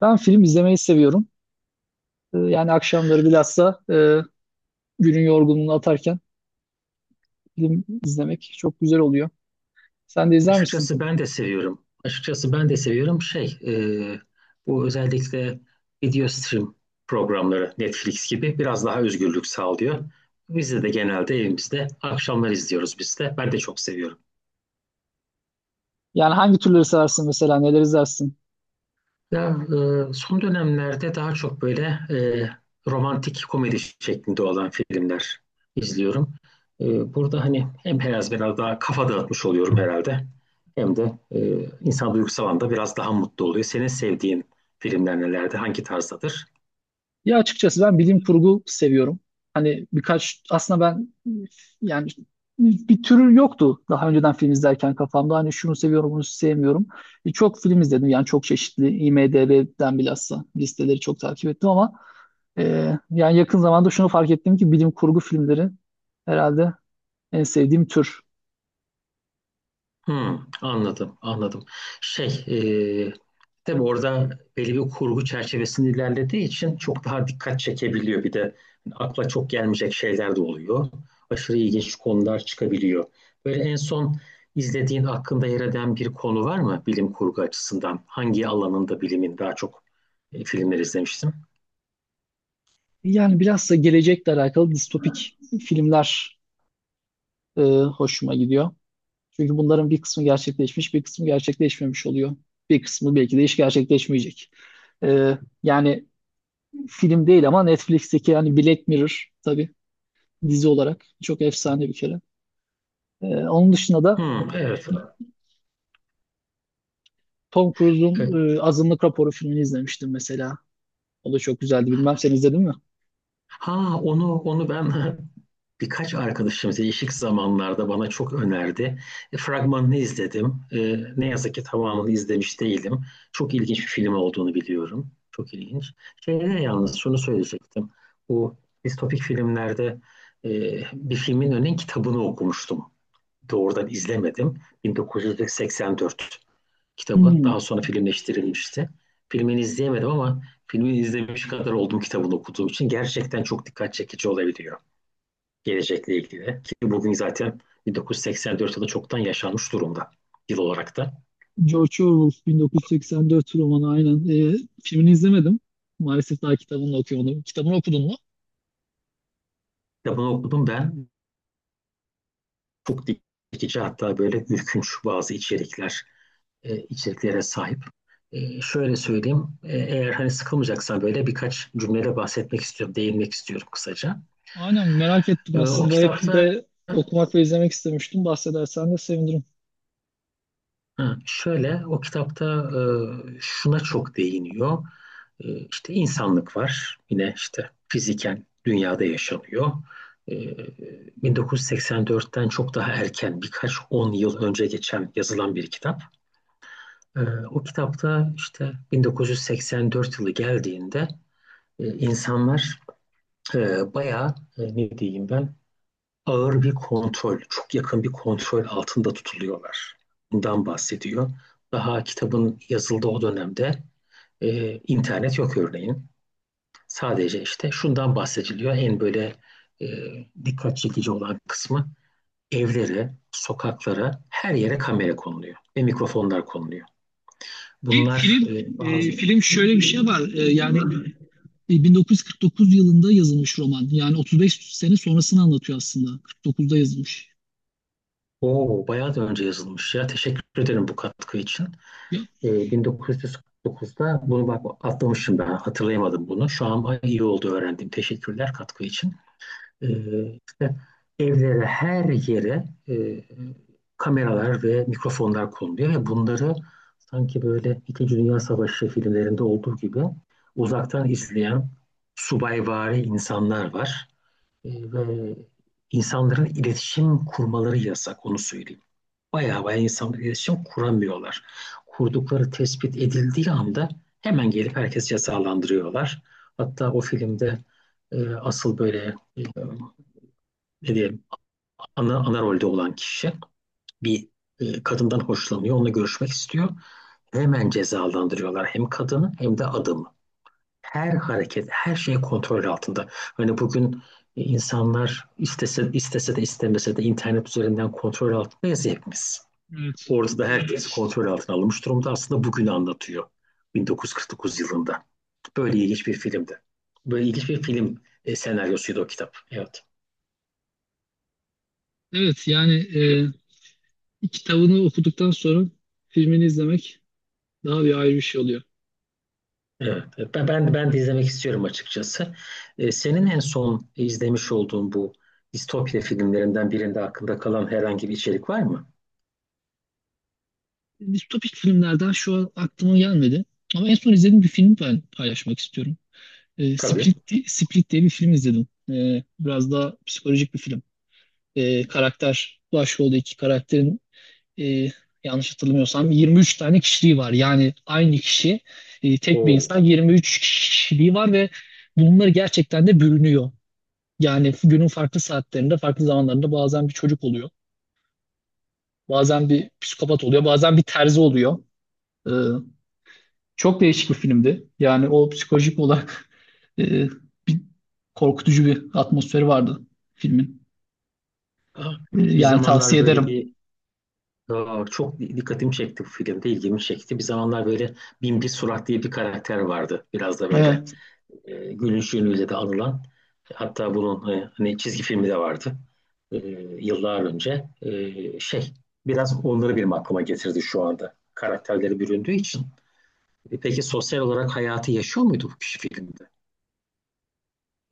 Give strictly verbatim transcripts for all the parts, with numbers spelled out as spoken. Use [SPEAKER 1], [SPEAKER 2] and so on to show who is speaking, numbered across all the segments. [SPEAKER 1] Ben film izlemeyi seviyorum. Ee, Yani akşamları bilhassa e, günün yorgunluğunu atarken film izlemek çok güzel oluyor. Sen de izler misin?
[SPEAKER 2] Açıkçası ben de seviyorum. Açıkçası ben de seviyorum, şey e, bu özellikle video stream programları Netflix gibi biraz daha özgürlük sağlıyor. Biz de de genelde evimizde akşamlar izliyoruz biz de. Ben de çok seviyorum.
[SPEAKER 1] Yani hangi türleri seversin mesela, neler izlersin?
[SPEAKER 2] Ya, e, son dönemlerde daha çok böyle e, romantik komedi şeklinde olan filmler izliyorum. E, burada hani hem biraz biraz daha kafa dağıtmış oluyorum herhalde. Hem de e, insan duygusal anda biraz daha mutlu oluyor. Senin sevdiğin filmler nelerdi? Hangi tarzdadır?
[SPEAKER 1] Ya açıkçası ben bilim kurgu seviyorum. Hani birkaç, aslında ben yani bir türü yoktu daha önceden film izlerken kafamda. Hani şunu seviyorum, bunu sevmiyorum. E, çok film izledim yani çok çeşitli. IMDb'den bilhassa listeleri çok takip ettim ama Ee, yani yakın zamanda şunu fark ettim ki bilim kurgu filmleri herhalde en sevdiğim tür.
[SPEAKER 2] Hmm, anladım, anladım. Şey, e, Tabii orada belli bir kurgu çerçevesinde ilerlediği için çok daha dikkat çekebiliyor. Bir de akla çok gelmeyecek şeyler de oluyor. Aşırı ilginç konular çıkabiliyor. Böyle en son izlediğin hakkında yer eden bir konu var mı bilim kurgu açısından? Hangi alanında bilimin daha çok e, filmler izlemiştim?
[SPEAKER 1] Yani biraz da gelecekle alakalı distopik filmler e, hoşuma gidiyor. Çünkü bunların bir kısmı gerçekleşmiş, bir kısmı gerçekleşmemiş oluyor. Bir kısmı belki de hiç gerçekleşmeyecek. Ee, yani film değil ama Netflix'teki yani Black Mirror tabii dizi olarak çok efsane bir kere. Ee, onun dışında da
[SPEAKER 2] Hmm, evet.
[SPEAKER 1] Tom Cruise'un
[SPEAKER 2] E,
[SPEAKER 1] e, Azınlık Raporu filmini izlemiştim mesela. O da çok güzeldi. Bilmem sen izledin mi?
[SPEAKER 2] Ha, onu onu ben birkaç arkadaşım değişik zamanlarda bana çok önerdi. E, fragmanını izledim. E, ne yazık ki tamamını izlemiş değilim. Çok ilginç bir film olduğunu biliyorum. Çok ilginç. Şeyde yalnız şunu söyleyecektim. Bu distopik filmlerde e, bir filmin önün kitabını okumuştum. Doğrudan izlemedim. bin dokuz yüz seksen dört kitabı. Daha
[SPEAKER 1] Hmm.
[SPEAKER 2] sonra filmleştirilmişti. Filmini izleyemedim ama filmini izlemiş kadar olduğum kitabını okuduğum için gerçekten çok dikkat çekici olabiliyor gelecekle ilgili. Ki bugün zaten bin dokuz yüz seksen dört yılı çoktan yaşanmış durumda, yıl olarak da.
[SPEAKER 1] George Orwell bin dokuz yüz seksen dört romanı aynen. Ee, Filmini izlemedim. Maalesef daha kitabını da okuyamadım. Kitabını okudun mu?
[SPEAKER 2] Kitabını okudum ben. Çok dikici, hatta böyle ürkünç bazı içerikler, e, içeriklere sahip. E, şöyle söyleyeyim. E, eğer hani sıkılmayacaksan böyle birkaç cümlede bahsetmek istiyorum, değinmek istiyorum kısaca.
[SPEAKER 1] Aynen merak ettim
[SPEAKER 2] E, o
[SPEAKER 1] aslında. Hep
[SPEAKER 2] kitapta
[SPEAKER 1] de okumak ve izlemek istemiştim. Bahsedersen de sevinirim.
[SPEAKER 2] Ha, şöyle o kitapta e, şuna çok değiniyor. E, işte insanlık var. Yine işte fiziken dünyada yaşanıyor. E, bin dokuz yüz seksen dörtten çok daha erken birkaç on yıl önce geçen yazılan bir kitap. E, O kitapta işte bin dokuz yüz seksen dört yılı geldiğinde e, insanlar e, bayağı e, ne diyeyim ben, ağır bir kontrol, çok yakın bir kontrol altında tutuluyorlar. Bundan bahsediyor. Daha kitabın yazıldığı o dönemde e, internet yok örneğin. Sadece işte şundan bahsediliyor. En böyle e, dikkat çekici olan kısmı, evlere, sokaklara, her yere kamera konuluyor ve mikrofonlar konuluyor.
[SPEAKER 1] Ki
[SPEAKER 2] Bunlar
[SPEAKER 1] film,
[SPEAKER 2] e,
[SPEAKER 1] e,
[SPEAKER 2] bazı...
[SPEAKER 1] film şöyle bir şey var. E, yani E, bin dokuz yüz kırk dokuz yılında yazılmış roman. Yani otuz beş sene sonrasını anlatıyor aslında. kırk dokuzda yazılmış.
[SPEAKER 2] Oo, bayağı da önce yazılmış ya. Teşekkür ederim bu katkı için.
[SPEAKER 1] Ya,
[SPEAKER 2] E, bin dokuz yüz kırk dokuzda, bunu bak atlamışım, ben hatırlayamadım bunu. Şu an iyi oldu, öğrendim. Teşekkürler katkı için. E, işte evlere, her yere e, kameralar ve mikrofonlar konuluyor ve bunları sanki böyle İkinci Dünya Savaşı filmlerinde olduğu gibi uzaktan izleyen subayvari insanlar var. E, ve insanların iletişim kurmaları yasak, onu söyleyeyim. Bayağı bayağı insanla iletişim kuramıyorlar. Kurdukları tespit edildiği anda hemen gelip herkesi cezalandırıyorlar. Hatta o filmde e, asıl böyle e, ne diyeyim, ana, ana rolde olan kişi bir e, kadından hoşlanıyor, onunla görüşmek istiyor. Hemen cezalandırıyorlar, hem kadını hem de adamı. Her hareket, her şey kontrol altında. Hani bugün e, insanlar istese, istese de istemese de internet üzerinden kontrol altındayız hepimiz.
[SPEAKER 1] evet.
[SPEAKER 2] Orada da herkesi kontrol altına alınmış durumda. Aslında bugünü anlatıyor. bin dokuz yüz kırk dokuz yılında. Böyle ilginç bir filmdi. Böyle ilginç bir film e, senaryosuydu o kitap. Evet.
[SPEAKER 1] Evet yani e, kitabını okuduktan sonra filmini izlemek daha bir ayrı bir şey oluyor.
[SPEAKER 2] Evet. Ben ben, ben de izlemek istiyorum açıkçası. E, senin en son izlemiş olduğun bu distopya filmlerinden birinde aklında kalan herhangi bir içerik var mı?
[SPEAKER 1] Distopik filmlerden şu an aklıma gelmedi. Ama en son izlediğim bir film ben paylaşmak istiyorum. E,
[SPEAKER 2] Tabii.
[SPEAKER 1] Split, di- Split diye bir film izledim. E, biraz daha psikolojik bir film. E, karakter, başrolde iki karakterin e, yanlış hatırlamıyorsam yirmi üç tane kişiliği var. Yani aynı kişi, e, tek bir
[SPEAKER 2] Oo.
[SPEAKER 1] insan yirmi üç kişiliği var ve bunlar gerçekten de bürünüyor. Yani günün farklı saatlerinde, farklı zamanlarında bazen bir çocuk oluyor. Bazen bir psikopat oluyor, bazen bir terzi oluyor. Ee, Çok değişik bir filmdi. Yani o psikolojik olarak e, bir korkutucu bir atmosferi vardı filmin.
[SPEAKER 2] Aa,
[SPEAKER 1] Ee,
[SPEAKER 2] Bir
[SPEAKER 1] yani
[SPEAKER 2] zamanlar
[SPEAKER 1] tavsiye
[SPEAKER 2] böyle
[SPEAKER 1] ederim.
[SPEAKER 2] bir aa, çok dikkatimi çekti bu filmde, ilgimi çekti. Bir zamanlar böyle Binbir Surat diye bir karakter vardı. Biraz da böyle
[SPEAKER 1] Evet.
[SPEAKER 2] e, gülüşüyle de anılan, hatta bunun e, hani çizgi filmi de vardı e, yıllar önce. E, şey Biraz onları benim aklıma getirdi şu anda, karakterleri büründüğü için. E, peki sosyal olarak hayatı yaşıyor muydu bu kişi filmde?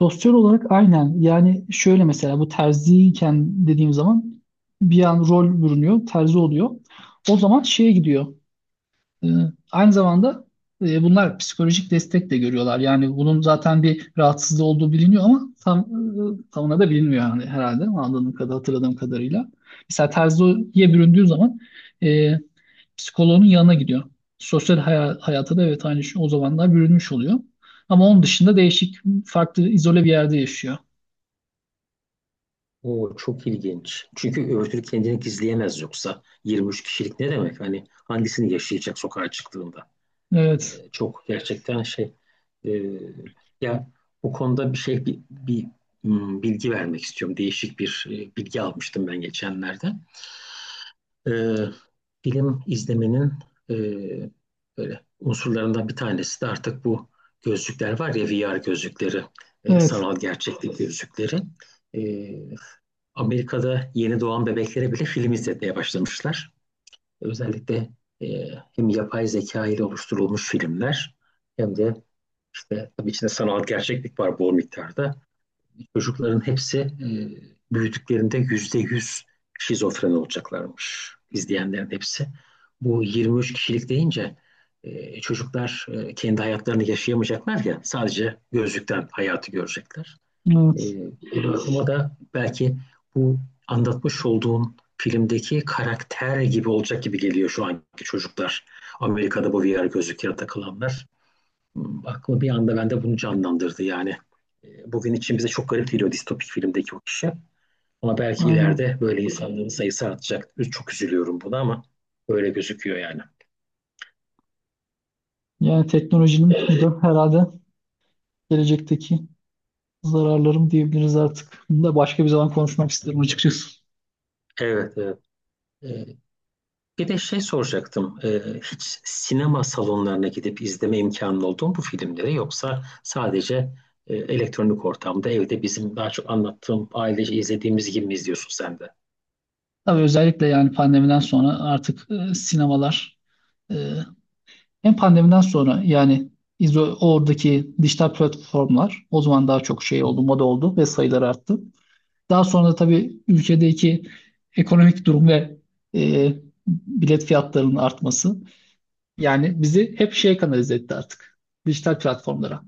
[SPEAKER 1] Sosyal olarak aynen. Yani şöyle mesela bu terziyken dediğim zaman bir an rol bürünüyor, terzi oluyor. O zaman şeye gidiyor. Ee, Aynı zamanda e, bunlar psikolojik destek de görüyorlar. Yani bunun zaten bir rahatsızlığı olduğu biliniyor ama tam e, tamına da bilinmiyor yani herhalde anladığım kadar hatırladığım kadarıyla. Mesela terziye büründüğü zaman e, psikoloğunun yanına gidiyor. Sosyal haya- hayata da evet aynı şey o zamanlar bürünmüş oluyor. Ama onun dışında değişik, farklı, izole bir yerde yaşıyor.
[SPEAKER 2] O çok ilginç. Çünkü öbür türlü kendini gizleyemez, yoksa yirmi üç kişilik ne demek? Hani hangisini yaşayacak sokağa çıktığında? E,
[SPEAKER 1] Evet,
[SPEAKER 2] çok gerçekten şey e, ya, bu konuda bir şey bir, bir, hmm, bilgi vermek istiyorum. Değişik bir e, bilgi almıştım ben geçenlerde. E, Film izlemenin e, böyle unsurlarından bir tanesi de artık bu gözlükler var ya, V R gözlükleri, e,
[SPEAKER 1] evet,
[SPEAKER 2] sanal gerçeklik gözlükleri. E, Amerika'da yeni doğan bebeklere bile film izletmeye başlamışlar. Özellikle e, hem yapay zeka ile oluşturulmuş filmler hem de işte tabii içinde sanal gerçeklik var bol miktarda. Çocukların hepsi e, büyüdüklerinde yüzde yüz şizofren olacaklarmış. İzleyenlerin hepsi. Bu yirmi üç kişilik deyince e, çocuklar e, kendi hayatlarını yaşayamayacaklar ya, sadece gözlükten hayatı görecekler. E,
[SPEAKER 1] evet,
[SPEAKER 2] Ama da belki bu anlatmış olduğun filmdeki karakter gibi olacak gibi geliyor şu anki çocuklar. Amerika'da bu V R gözlüklere takılanlar aklıma bir anda bende bunu canlandırdı yani. E, Bugün için bize çok garip geliyor distopik filmdeki o kişi. Ama belki
[SPEAKER 1] aynen.
[SPEAKER 2] ileride böyle insanların sayısı artacak. Çok üzülüyorum buna ama böyle gözüküyor yani.
[SPEAKER 1] Yani teknolojinin bu da herhalde gelecekteki zararlarım diyebiliriz artık. Bunu da başka bir zaman konuşmak isterim açıkçası.
[SPEAKER 2] Evet, evet. E, Bir de şey soracaktım. E, hiç sinema salonlarına gidip izleme imkanı oldu mu bu filmleri, yoksa sadece e, elektronik ortamda, evde bizim daha çok anlattığım ailece izlediğimiz gibi mi izliyorsun sen de?
[SPEAKER 1] Tabii özellikle yani pandemiden sonra artık e, sinemalar e, hem pandemiden sonra yani izo- oradaki dijital platformlar o zaman daha çok şey oldu, moda oldu ve sayıları arttı. Daha sonra da tabii ülkedeki ekonomik durum ve e, bilet fiyatlarının artması yani bizi hep şeye kanalize etti artık. Dijital platformlara.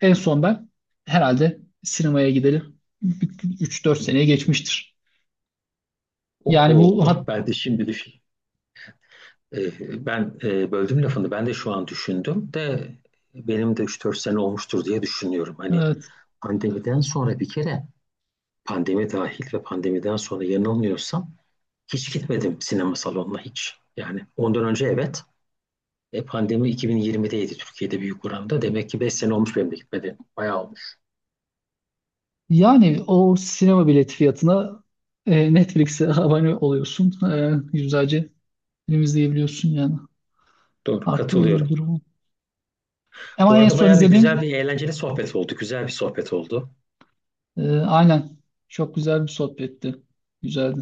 [SPEAKER 1] En son ben herhalde sinemaya gideli üç dört seneye geçmiştir. Yani
[SPEAKER 2] Oho,
[SPEAKER 1] bu hat,
[SPEAKER 2] ben de şimdi düşün. Ee, ben e, böldüm lafını. Ben de şu an düşündüm de benim de üç dört sene olmuştur diye düşünüyorum. Hani
[SPEAKER 1] evet,
[SPEAKER 2] pandemiden sonra bir kere, pandemi dahil ve pandemiden sonra yanılmıyorsam hiç gitmedim sinema salonuna, hiç. Yani ondan önce evet. E, pandemi iki bin yirmideydi Türkiye'de büyük oranda. Demek ki beş sene olmuş benim de gitmediğim. Bayağı olmuş.
[SPEAKER 1] yani o sinema bileti fiyatına e, Netflix'e abone oluyorsun. E, yüzlerce film izleyebiliyorsun yani.
[SPEAKER 2] Doğru,
[SPEAKER 1] Artık öyle bir
[SPEAKER 2] katılıyorum.
[SPEAKER 1] durum.
[SPEAKER 2] Bu
[SPEAKER 1] Ama en
[SPEAKER 2] arada
[SPEAKER 1] son
[SPEAKER 2] bayağı da güzel,
[SPEAKER 1] izlediğim
[SPEAKER 2] bir eğlenceli sohbet oldu. Güzel bir sohbet oldu.
[SPEAKER 1] Ee, aynen. Çok güzel bir sohbetti. Güzeldi.